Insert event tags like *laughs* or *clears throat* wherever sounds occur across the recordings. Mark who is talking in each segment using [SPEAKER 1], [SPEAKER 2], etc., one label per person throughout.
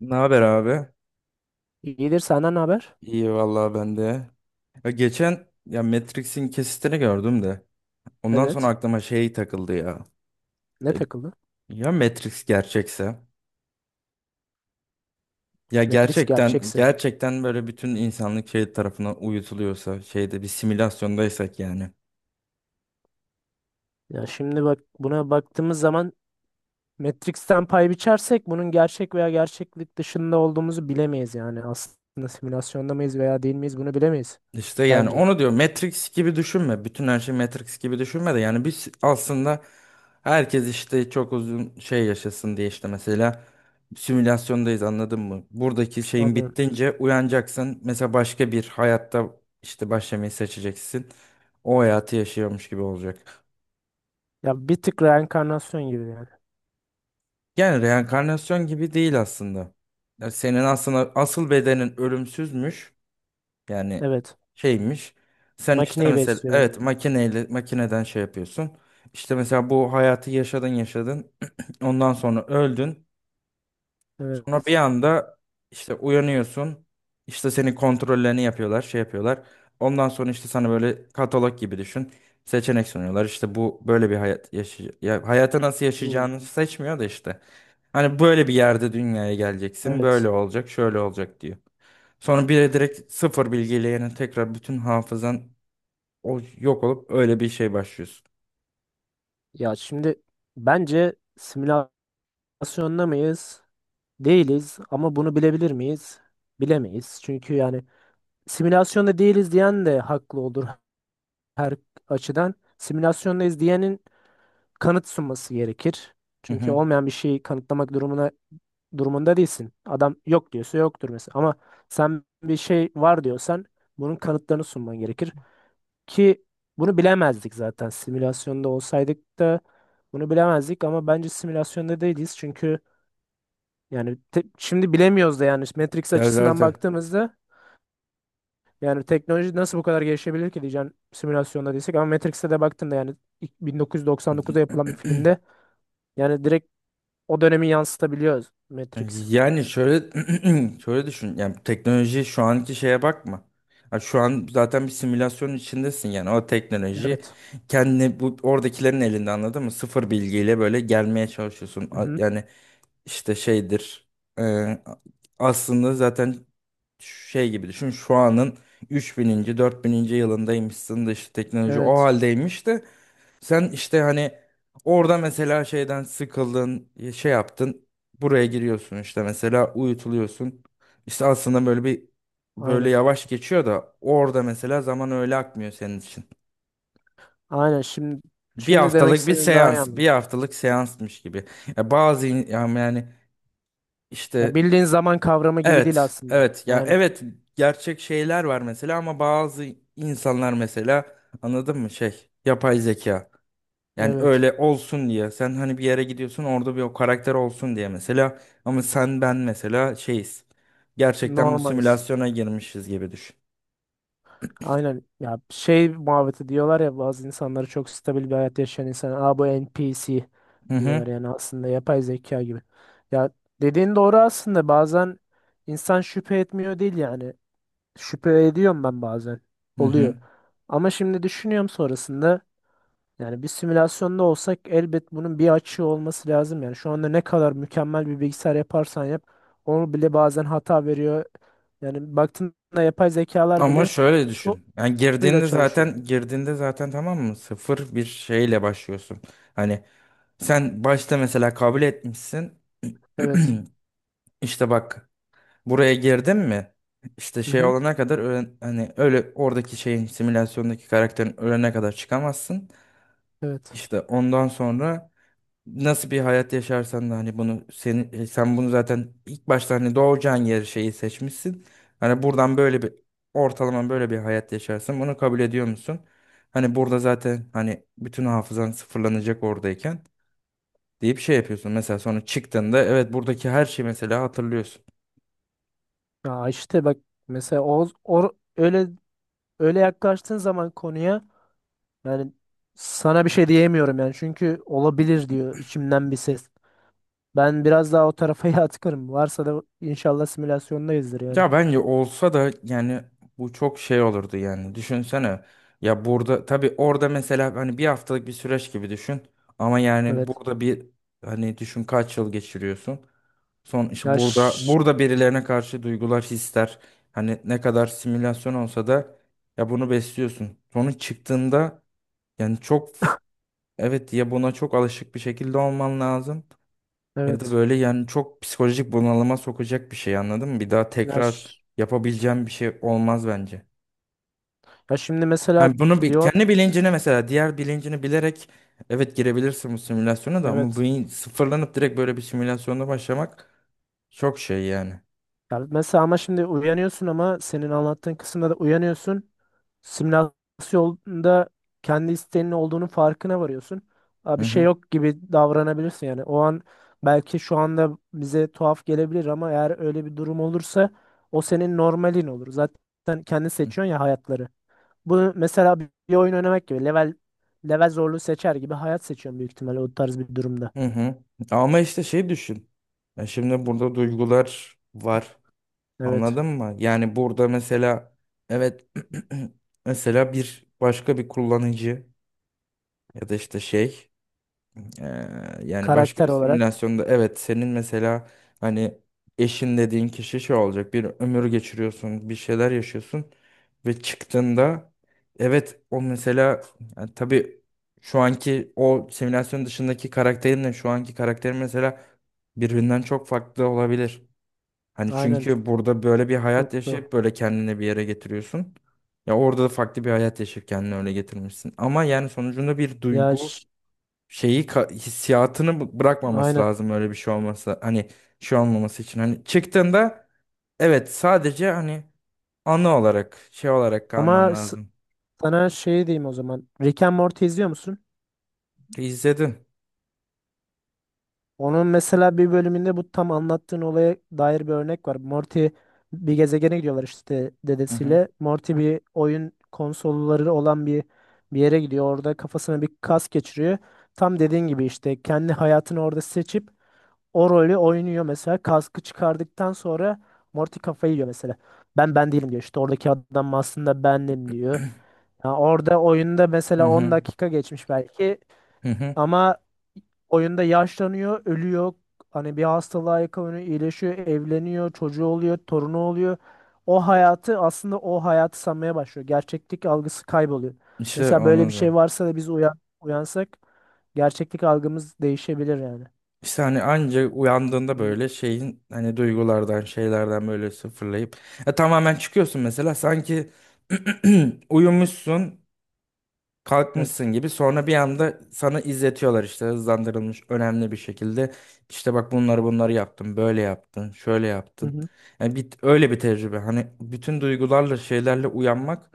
[SPEAKER 1] Ne haber abi?
[SPEAKER 2] İyidir, senden ne haber?
[SPEAKER 1] İyi vallahi ben de. Geçen Matrix'in kesitini gördüm de. Ondan sonra
[SPEAKER 2] Evet.
[SPEAKER 1] aklıma şey takıldı ya
[SPEAKER 2] Ne
[SPEAKER 1] Ya,
[SPEAKER 2] takıldı?
[SPEAKER 1] ya Matrix gerçekse? Ya
[SPEAKER 2] Matrix
[SPEAKER 1] gerçekten
[SPEAKER 2] gerçekse.
[SPEAKER 1] gerçekten böyle bütün insanlık şey tarafına uyutuluyorsa, şeyde bir simülasyondaysak yani.
[SPEAKER 2] Ya şimdi bak, buna baktığımız zaman Matrix'ten pay biçersek bunun gerçek veya gerçeklik dışında olduğumuzu bilemeyiz yani. Aslında simülasyonda mıyız veya değil miyiz bunu bilemeyiz.
[SPEAKER 1] İşte yani
[SPEAKER 2] Bence.
[SPEAKER 1] onu diyor, Matrix gibi düşünme. Bütün her şey Matrix gibi düşünme de yani biz aslında herkes işte çok uzun şey yaşasın diye işte mesela simülasyondayız, anladın mı? Buradaki şeyin
[SPEAKER 2] Anladım.
[SPEAKER 1] bittince uyanacaksın. Mesela başka bir hayatta işte başlamayı seçeceksin. O hayatı yaşıyormuş gibi olacak.
[SPEAKER 2] Ya bir tık reenkarnasyon gibi yani.
[SPEAKER 1] Yani reenkarnasyon gibi değil aslında. Yani senin aslında asıl bedenin ölümsüzmüş. Yani
[SPEAKER 2] Evet.
[SPEAKER 1] şeymiş. Sen işte
[SPEAKER 2] Makineyi
[SPEAKER 1] mesela
[SPEAKER 2] besliyor
[SPEAKER 1] evet
[SPEAKER 2] benim.
[SPEAKER 1] makineyle makineden şey yapıyorsun. İşte mesela bu hayatı yaşadın. *clears throat* Ondan sonra öldün. Sonra bir
[SPEAKER 2] Evet.
[SPEAKER 1] anda işte uyanıyorsun. İşte senin kontrollerini yapıyorlar, şey yapıyorlar. Ondan sonra işte sana böyle katalog gibi düşün. Seçenek sunuyorlar. İşte bu böyle bir hayat yaşay ya hayatı nasıl
[SPEAKER 2] Hmm.
[SPEAKER 1] yaşayacağını seçmiyor da işte. Hani böyle bir yerde dünyaya geleceksin, böyle
[SPEAKER 2] Evet.
[SPEAKER 1] olacak, şöyle olacak diyor. Sonra bir de direkt sıfır bilgiyle yani tekrar bütün hafızan o yok olup öyle bir şey başlıyorsun.
[SPEAKER 2] Ya şimdi bence simülasyonda mıyız? Değiliz ama bunu bilebilir miyiz? Bilemeyiz. Çünkü yani simülasyonda değiliz diyen de haklı olur her açıdan. Simülasyondayız diyenin kanıt sunması gerekir.
[SPEAKER 1] Hı
[SPEAKER 2] Çünkü
[SPEAKER 1] hı.
[SPEAKER 2] olmayan bir şeyi kanıtlamak durumuna durumunda değilsin. Adam yok diyorsa yoktur mesela. Ama sen bir şey var diyorsan bunun kanıtlarını sunman gerekir. Ki bunu bilemezdik zaten. Simülasyonda olsaydık da bunu bilemezdik ama bence simülasyonda değiliz. Çünkü yani şimdi bilemiyoruz da yani Matrix
[SPEAKER 1] Ya
[SPEAKER 2] açısından
[SPEAKER 1] zaten.
[SPEAKER 2] baktığımızda yani teknoloji nasıl bu kadar gelişebilir ki, diyeceğim simülasyonda değilsek, ama Matrix'te de baktığında yani ilk 1999'da yapılan bir filmde
[SPEAKER 1] *clears throat*
[SPEAKER 2] yani direkt o dönemi yansıtabiliyoruz Matrix.
[SPEAKER 1] Yani şöyle, *clears throat* şöyle düşün. Yani teknoloji şu anki şeye bakma. Ha, şu an zaten bir simülasyonun içindesin yani o teknoloji
[SPEAKER 2] Evet.
[SPEAKER 1] kendini bu oradakilerin elinde, anladın mı? Sıfır bilgiyle böyle gelmeye çalışıyorsun.
[SPEAKER 2] Hı-hı.
[SPEAKER 1] Yani işte şeydir. e, Aslında zaten şey gibi düşün. Şu anın 3000. 4000. yılındaymışsın da işte teknoloji o
[SPEAKER 2] Evet.
[SPEAKER 1] haldeymiş de sen işte hani orada mesela şeyden sıkıldın, şey yaptın. Buraya giriyorsun işte mesela uyutuluyorsun. İşte aslında böyle bir böyle
[SPEAKER 2] Aynen.
[SPEAKER 1] yavaş geçiyor da orada mesela zaman öyle akmıyor senin için.
[SPEAKER 2] Aynen. Şimdi
[SPEAKER 1] Bir
[SPEAKER 2] şimdi demek
[SPEAKER 1] haftalık bir
[SPEAKER 2] istediğim daha iyi
[SPEAKER 1] seans,
[SPEAKER 2] anladım.
[SPEAKER 1] bir haftalık seansmış gibi. Ya bazı yani
[SPEAKER 2] Ya
[SPEAKER 1] işte
[SPEAKER 2] bildiğin zaman kavramı gibi değil
[SPEAKER 1] evet,
[SPEAKER 2] aslında.
[SPEAKER 1] evet ya
[SPEAKER 2] Aynen.
[SPEAKER 1] evet gerçek şeyler var mesela ama bazı insanlar mesela, anladın mı, şey yapay zeka. Yani
[SPEAKER 2] Evet.
[SPEAKER 1] öyle olsun diye. Sen hani bir yere gidiyorsun orada bir o karakter olsun diye mesela. Ama sen ben mesela şeyiz. Gerçekten bu
[SPEAKER 2] Normaliz.
[SPEAKER 1] simülasyona girmişiz gibi düşün.
[SPEAKER 2] Aynen, ya şey muhabbeti diyorlar ya, bazı insanları çok stabil bir hayat yaşayan insan, aa bu NPC
[SPEAKER 1] Hı
[SPEAKER 2] diyorlar
[SPEAKER 1] hı.
[SPEAKER 2] yani, aslında yapay zeka gibi. Ya dediğin doğru aslında, bazen insan şüphe etmiyor değil yani, şüphe ediyorum ben bazen
[SPEAKER 1] Hı hı.
[SPEAKER 2] oluyor. Ama şimdi düşünüyorum sonrasında, yani bir simülasyonda olsak elbet bunun bir açığı olması lazım yani. Şu anda ne kadar mükemmel bir bilgisayar yaparsan yap onu bile bazen hata veriyor. Yani baktığında yapay zekalar
[SPEAKER 1] Ama
[SPEAKER 2] bile
[SPEAKER 1] şöyle
[SPEAKER 2] so-
[SPEAKER 1] düşün. Yani
[SPEAKER 2] suyla
[SPEAKER 1] girdiğinde
[SPEAKER 2] çalışıyor.
[SPEAKER 1] zaten girdiğinde zaten tamam mı? Sıfır bir şeyle başlıyorsun. Hani sen başta mesela kabul etmişsin.
[SPEAKER 2] Evet.
[SPEAKER 1] *clears throat* İşte bak, buraya girdin mi? İşte
[SPEAKER 2] Hı
[SPEAKER 1] şey
[SPEAKER 2] hı.
[SPEAKER 1] olana kadar hani öyle oradaki şeyin simülasyondaki karakterin ölene kadar çıkamazsın.
[SPEAKER 2] Evet.
[SPEAKER 1] İşte ondan sonra nasıl bir hayat yaşarsan da hani bunu seni sen bunu zaten ilk başta hani doğacağın yeri şeyi seçmişsin. Hani buradan böyle bir ortalama böyle bir hayat yaşarsın. Bunu kabul ediyor musun? Hani burada zaten hani bütün hafızan sıfırlanacak oradayken deyip şey yapıyorsun. Mesela sonra çıktığında evet buradaki her şeyi mesela hatırlıyorsun.
[SPEAKER 2] Ya işte bak mesela o öyle, öyle yaklaştığın zaman konuya yani, sana bir şey diyemiyorum yani, çünkü olabilir diyor içimden bir ses. Ben biraz daha o tarafa *laughs* yatkınım. Varsa da inşallah simülasyondayızdır yani.
[SPEAKER 1] Ya bence olsa da yani bu çok şey olurdu yani. Düşünsene, ya burada tabii orada mesela hani bir haftalık bir süreç gibi düşün. Ama yani
[SPEAKER 2] Evet.
[SPEAKER 1] burada bir hani düşün kaç yıl geçiriyorsun. Son işte
[SPEAKER 2] Ya
[SPEAKER 1] burada
[SPEAKER 2] ş-
[SPEAKER 1] burada birilerine karşı duygular, hisler hani ne kadar simülasyon olsa da ya bunu besliyorsun. Sonra çıktığında yani çok evet ya buna çok alışık bir şekilde olman lazım. Ya da
[SPEAKER 2] evet.
[SPEAKER 1] böyle yani çok psikolojik bunalıma sokacak bir şey, anladın mı? Bir daha
[SPEAKER 2] Ya,
[SPEAKER 1] tekrar
[SPEAKER 2] ş-
[SPEAKER 1] yapabileceğim bir şey olmaz bence.
[SPEAKER 2] ya şimdi mesela
[SPEAKER 1] Yani bunu bir,
[SPEAKER 2] diyor
[SPEAKER 1] kendi bilincine mesela diğer bilincini bilerek evet girebilirsin bu simülasyona da ama
[SPEAKER 2] evet.
[SPEAKER 1] bu sıfırlanıp direkt böyle bir simülasyonda başlamak çok şey yani.
[SPEAKER 2] Ya mesela, ama şimdi uyanıyorsun ama senin anlattığın kısımda da uyanıyorsun. Simülasyonda kendi isteğinin olduğunun farkına varıyorsun. Aa,
[SPEAKER 1] Hı
[SPEAKER 2] bir şey
[SPEAKER 1] hı.
[SPEAKER 2] yok gibi davranabilirsin yani. O an belki şu anda bize tuhaf gelebilir ama eğer öyle bir durum olursa o senin normalin olur. Zaten kendi seçiyorsun ya hayatları. Bu mesela bir oyun oynamak gibi, level zorluğu seçer gibi hayat seçiyorsun büyük ihtimalle, o tarz bir durumda.
[SPEAKER 1] Hı hı. Ama işte şey düşün. Ya şimdi burada duygular var.
[SPEAKER 2] Evet.
[SPEAKER 1] Anladın mı? Yani burada mesela evet, *clears throat* mesela bir başka bir kullanıcı ya da işte şey. Ee, Yani başka
[SPEAKER 2] Karakter
[SPEAKER 1] bir
[SPEAKER 2] olarak.
[SPEAKER 1] simülasyonda evet senin mesela hani eşin dediğin kişi şey olacak bir ömür geçiriyorsun bir şeyler yaşıyorsun ve çıktığında evet o mesela yani tabii şu anki o simülasyon dışındaki karakterinle şu anki karakterim mesela birbirinden çok farklı olabilir. Hani
[SPEAKER 2] Aynen, çok
[SPEAKER 1] çünkü burada böyle bir hayat
[SPEAKER 2] çok doğru.
[SPEAKER 1] yaşayıp böyle kendini bir yere getiriyorsun. Ya orada da farklı bir hayat yaşayıp kendini öyle getirmişsin. Ama yani sonucunda bir
[SPEAKER 2] Ya
[SPEAKER 1] duygu
[SPEAKER 2] ş-
[SPEAKER 1] hissiyatını bırakmaması
[SPEAKER 2] aynen.
[SPEAKER 1] lazım öyle bir şey olması. Hani şey olmaması için. Hani çıktığında evet sadece hani anı olarak şey olarak kalman
[SPEAKER 2] Ama s-
[SPEAKER 1] lazım.
[SPEAKER 2] sana şey diyeyim o zaman. Rick and Morty izliyor musun?
[SPEAKER 1] İzledin.
[SPEAKER 2] Onun mesela bir bölümünde bu tam anlattığın olaya dair bir örnek var. Morty bir gezegene gidiyorlar işte
[SPEAKER 1] Hı hı.
[SPEAKER 2] dedesiyle. Morty bir oyun konsolları olan bir yere gidiyor. Orada kafasına bir kas geçiriyor. Tam dediğin gibi işte kendi hayatını orada seçip o rolü oynuyor mesela. Kaskı çıkardıktan sonra Morty kafayı yiyor mesela. Ben değilim diyor. İşte oradaki adam aslında bendim diyor.
[SPEAKER 1] *clears throat*
[SPEAKER 2] Ya orada oyunda
[SPEAKER 1] Hı
[SPEAKER 2] mesela 10
[SPEAKER 1] hı.
[SPEAKER 2] dakika geçmiş belki
[SPEAKER 1] Hı hı.
[SPEAKER 2] ama oyunda yaşlanıyor, ölüyor. Hani bir hastalığa yakalanıyor, iyileşiyor, evleniyor, çocuğu oluyor, torunu oluyor. O hayatı aslında, o hayatı sanmaya başlıyor. Gerçeklik algısı kayboluyor.
[SPEAKER 1] İşte
[SPEAKER 2] Mesela böyle
[SPEAKER 1] onu
[SPEAKER 2] bir şey
[SPEAKER 1] diyorum.
[SPEAKER 2] varsa da biz uyansak gerçeklik algımız değişebilir yani.
[SPEAKER 1] İşte hani anca uyandığında
[SPEAKER 2] Hmm.
[SPEAKER 1] böyle şeyin hani duygulardan şeylerden böyle sıfırlayıp tamamen çıkıyorsun mesela sanki *clears throat* uyumuşsun
[SPEAKER 2] Evet.
[SPEAKER 1] kalkmışsın gibi sonra bir anda sana izletiyorlar işte hızlandırılmış önemli bir şekilde işte bak bunları yaptın böyle yaptın şöyle
[SPEAKER 2] Hı
[SPEAKER 1] yaptın
[SPEAKER 2] hı.
[SPEAKER 1] yani bir, öyle bir tecrübe hani bütün duygularla şeylerle uyanmak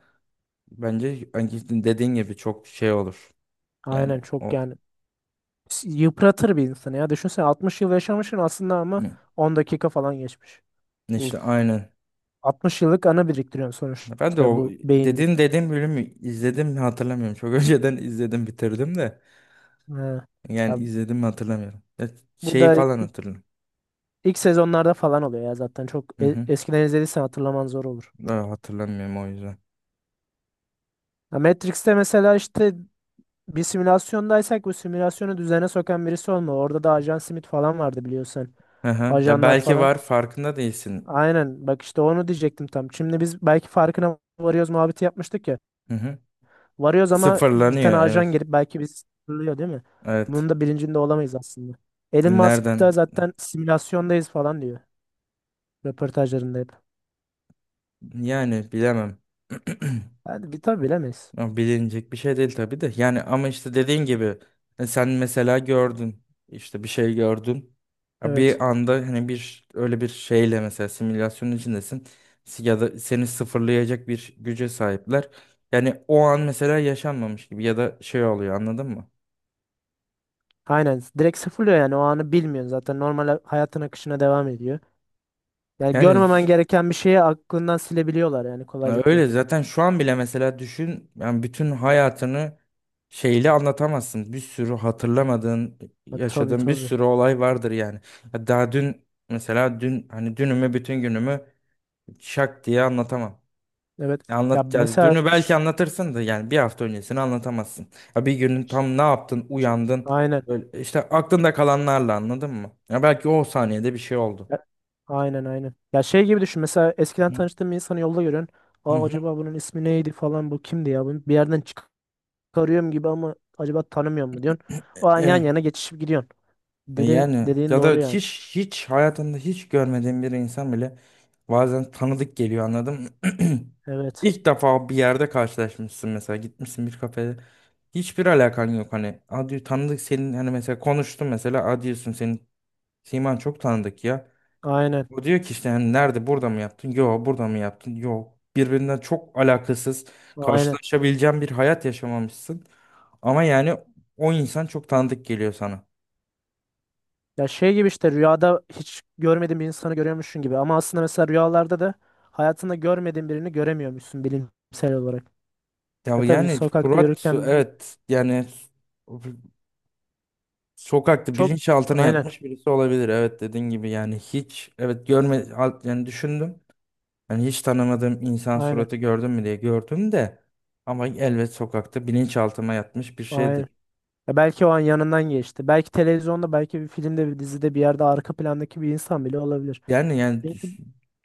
[SPEAKER 1] bence hani dediğin gibi çok şey olur yani
[SPEAKER 2] Aynen, çok
[SPEAKER 1] o
[SPEAKER 2] yani. Yıpratır bir insanı ya. Düşünsene 60 yıl yaşamışsın aslında ama
[SPEAKER 1] hı,
[SPEAKER 2] 10 dakika falan geçmiş. Uf.
[SPEAKER 1] işte aynı
[SPEAKER 2] 60 yıllık ana biriktiriyorsun
[SPEAKER 1] ben de
[SPEAKER 2] sonuçta,
[SPEAKER 1] o
[SPEAKER 2] bu beyinde.
[SPEAKER 1] dediğim bölümü izledim mi hatırlamıyorum çok *laughs* önceden izledim bitirdim de
[SPEAKER 2] Ha.
[SPEAKER 1] yani
[SPEAKER 2] Ya
[SPEAKER 1] izledim mi hatırlamıyorum. Ya
[SPEAKER 2] bu
[SPEAKER 1] şeyi
[SPEAKER 2] da
[SPEAKER 1] falan hatırlıyorum.
[SPEAKER 2] ilk sezonlarda falan oluyor ya zaten, çok
[SPEAKER 1] Hı hı.
[SPEAKER 2] eskiden izlediysen hatırlaman zor olur.
[SPEAKER 1] Daha hatırlamıyorum o yüzden.
[SPEAKER 2] Ya Matrix'te mesela işte bir simülasyondaysak bu simülasyonu düzene sokan birisi olma. Orada da Ajan Smith falan vardı biliyorsun.
[SPEAKER 1] Hı hı. Ya
[SPEAKER 2] Ajanlar
[SPEAKER 1] belki
[SPEAKER 2] falan.
[SPEAKER 1] var farkında değilsin.
[SPEAKER 2] Aynen, bak işte onu diyecektim tam. Şimdi biz belki farkına varıyoruz muhabbeti yapmıştık ya.
[SPEAKER 1] Hı hı.
[SPEAKER 2] Varıyoruz ama bir tane
[SPEAKER 1] Sıfırlanıyor,
[SPEAKER 2] ajan
[SPEAKER 1] evet.
[SPEAKER 2] gelip belki bizi sınırlıyor değil mi?
[SPEAKER 1] Evet.
[SPEAKER 2] Bunun da bilincinde olamayız aslında. Elon Musk da
[SPEAKER 1] Nereden?
[SPEAKER 2] zaten simülasyondayız falan diyor. Röportajlarında hep.
[SPEAKER 1] Yani bilemem. *clears throat*
[SPEAKER 2] Yani bir tabi bilemeyiz.
[SPEAKER 1] Ama bilinecek bir şey değil tabii de. Yani ama işte dediğin gibi, sen mesela gördün, işte bir şey gördün. Ya
[SPEAKER 2] Evet.
[SPEAKER 1] bir anda hani bir öyle bir şeyle mesela simülasyonun içindesin. Ya da seni sıfırlayacak bir güce sahipler. Yani o an mesela yaşanmamış gibi ya da şey oluyor, anladın mı?
[SPEAKER 2] Aynen. Direkt sıfırlıyor yani, o anı bilmiyorsun zaten. Normal hayatın akışına devam ediyor. Yani
[SPEAKER 1] Yani
[SPEAKER 2] görmemen gereken bir şeyi aklından silebiliyorlar yani,
[SPEAKER 1] ya
[SPEAKER 2] kolaylıkla.
[SPEAKER 1] öyle zaten şu an bile mesela düşün yani bütün hayatını şeyle anlatamazsın. Bir sürü hatırlamadığın,
[SPEAKER 2] Ha, tabii
[SPEAKER 1] yaşadığın bir
[SPEAKER 2] tabii.
[SPEAKER 1] sürü olay vardır yani. Ya daha dün mesela dün hani dünümü bütün günümü şak diye anlatamam.
[SPEAKER 2] Evet.
[SPEAKER 1] Ya
[SPEAKER 2] Ya
[SPEAKER 1] anlat yani
[SPEAKER 2] mesela
[SPEAKER 1] dünü belki
[SPEAKER 2] ş-
[SPEAKER 1] anlatırsın da yani bir hafta öncesini anlatamazsın. Ya bir günün tam ne yaptın, uyandın
[SPEAKER 2] aynen.
[SPEAKER 1] böyle işte aklında kalanlarla, anladın mı? Ya belki o saniyede bir şey oldu.
[SPEAKER 2] Aynen. Ya şey gibi düşün. Mesela
[SPEAKER 1] Hı
[SPEAKER 2] eskiden
[SPEAKER 1] hı.
[SPEAKER 2] tanıştığım bir insanı yolda görüyorsun. Aa,
[SPEAKER 1] Hı
[SPEAKER 2] acaba bunun ismi neydi falan, bu kimdi ya? Bunu bir yerden çıkarıyorum gibi ama acaba tanımıyor mu diyorsun. O an yan
[SPEAKER 1] hı.
[SPEAKER 2] yana geçişip gidiyorsun.
[SPEAKER 1] E
[SPEAKER 2] Dediğin,
[SPEAKER 1] yani
[SPEAKER 2] dediğin
[SPEAKER 1] ya da
[SPEAKER 2] doğru yani.
[SPEAKER 1] hiç hayatında hiç görmediğin bir insan bile bazen tanıdık geliyor, anladın mı? *clears throat*
[SPEAKER 2] Evet.
[SPEAKER 1] İlk defa bir yerde karşılaşmışsın mesela gitmişsin bir kafede hiçbir alakan yok hani adi tanıdık senin hani mesela konuştum mesela adi diyorsun senin siman çok tanıdık ya.
[SPEAKER 2] Aynen.
[SPEAKER 1] O diyor ki işte hani nerede, burada mı yaptın? Yo, burada mı yaptın? Yo, birbirinden çok alakasız
[SPEAKER 2] Aynen.
[SPEAKER 1] karşılaşabileceğin bir hayat yaşamamışsın. Ama yani o insan çok tanıdık geliyor sana.
[SPEAKER 2] Ya şey gibi işte rüyada hiç görmediğin bir insanı görüyormuşsun gibi. Ama aslında mesela rüyalarda da hayatında görmediğin birini göremiyormuşsun, bilimsel olarak.
[SPEAKER 1] Ya
[SPEAKER 2] Ya tabii
[SPEAKER 1] yani
[SPEAKER 2] sokakta
[SPEAKER 1] Fırat
[SPEAKER 2] yürürken
[SPEAKER 1] evet yani sokakta
[SPEAKER 2] çok
[SPEAKER 1] bilinçaltına
[SPEAKER 2] aynen.
[SPEAKER 1] yatmış birisi olabilir. Evet dediğin gibi yani hiç evet yani düşündüm. Yani hiç tanımadığım insan
[SPEAKER 2] Aynen.
[SPEAKER 1] suratı gördüm mü diye gördüm de ama elbet sokakta bilinçaltıma yatmış bir şeydir.
[SPEAKER 2] Aynen. Ya belki o an yanından geçti. Belki televizyonda, belki bir filmde, bir dizide, bir yerde arka plandaki bir insan bile olabilir.
[SPEAKER 1] Yani
[SPEAKER 2] Çünkü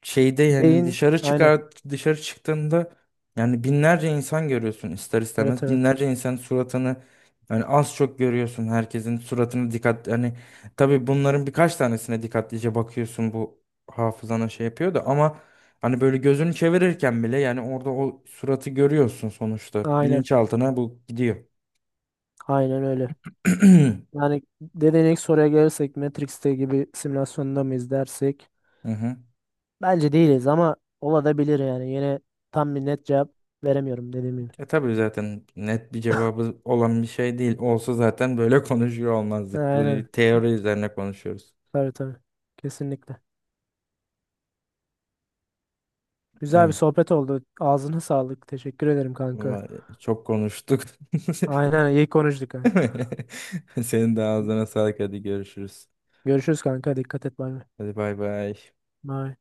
[SPEAKER 1] şeyde yani
[SPEAKER 2] beyin aynen.
[SPEAKER 1] dışarı çıktığında yani binlerce insan görüyorsun ister
[SPEAKER 2] Evet
[SPEAKER 1] istemez.
[SPEAKER 2] evet.
[SPEAKER 1] Binlerce insan suratını yani az çok görüyorsun, herkesin suratını dikkat yani tabii bunların birkaç tanesine dikkatlice bakıyorsun bu hafızana şey yapıyor da ama hani böyle gözünü çevirirken bile yani orada o suratı görüyorsun sonuçta
[SPEAKER 2] Aynen.
[SPEAKER 1] bilinçaltına bu gidiyor.
[SPEAKER 2] Aynen öyle.
[SPEAKER 1] *clears throat* Hı
[SPEAKER 2] Yani dediğin ilk soruya gelirsek Matrix'te gibi simülasyonda mıyız dersek
[SPEAKER 1] hı.
[SPEAKER 2] bence değiliz ama olabilir yani. Yine tam bir net cevap veremiyorum dediğim gibi.
[SPEAKER 1] E tabii zaten net bir cevabı olan bir şey değil. Olsa zaten böyle *laughs* konuşuyor olmazdık. Bu
[SPEAKER 2] Aynen.
[SPEAKER 1] teori üzerine konuşuyoruz.
[SPEAKER 2] Tabii tabii. Kesinlikle. Güzel bir
[SPEAKER 1] Ay,
[SPEAKER 2] sohbet oldu. Ağzına sağlık. Teşekkür ederim kanka.
[SPEAKER 1] vallahi çok konuştuk.
[SPEAKER 2] Aynen, iyi konuştuk kanka.
[SPEAKER 1] *laughs* Senin de ağzına sağlık. Hadi görüşürüz.
[SPEAKER 2] Görüşürüz kanka. Dikkat et. Bay bay.
[SPEAKER 1] Hadi bay bay.
[SPEAKER 2] Bay.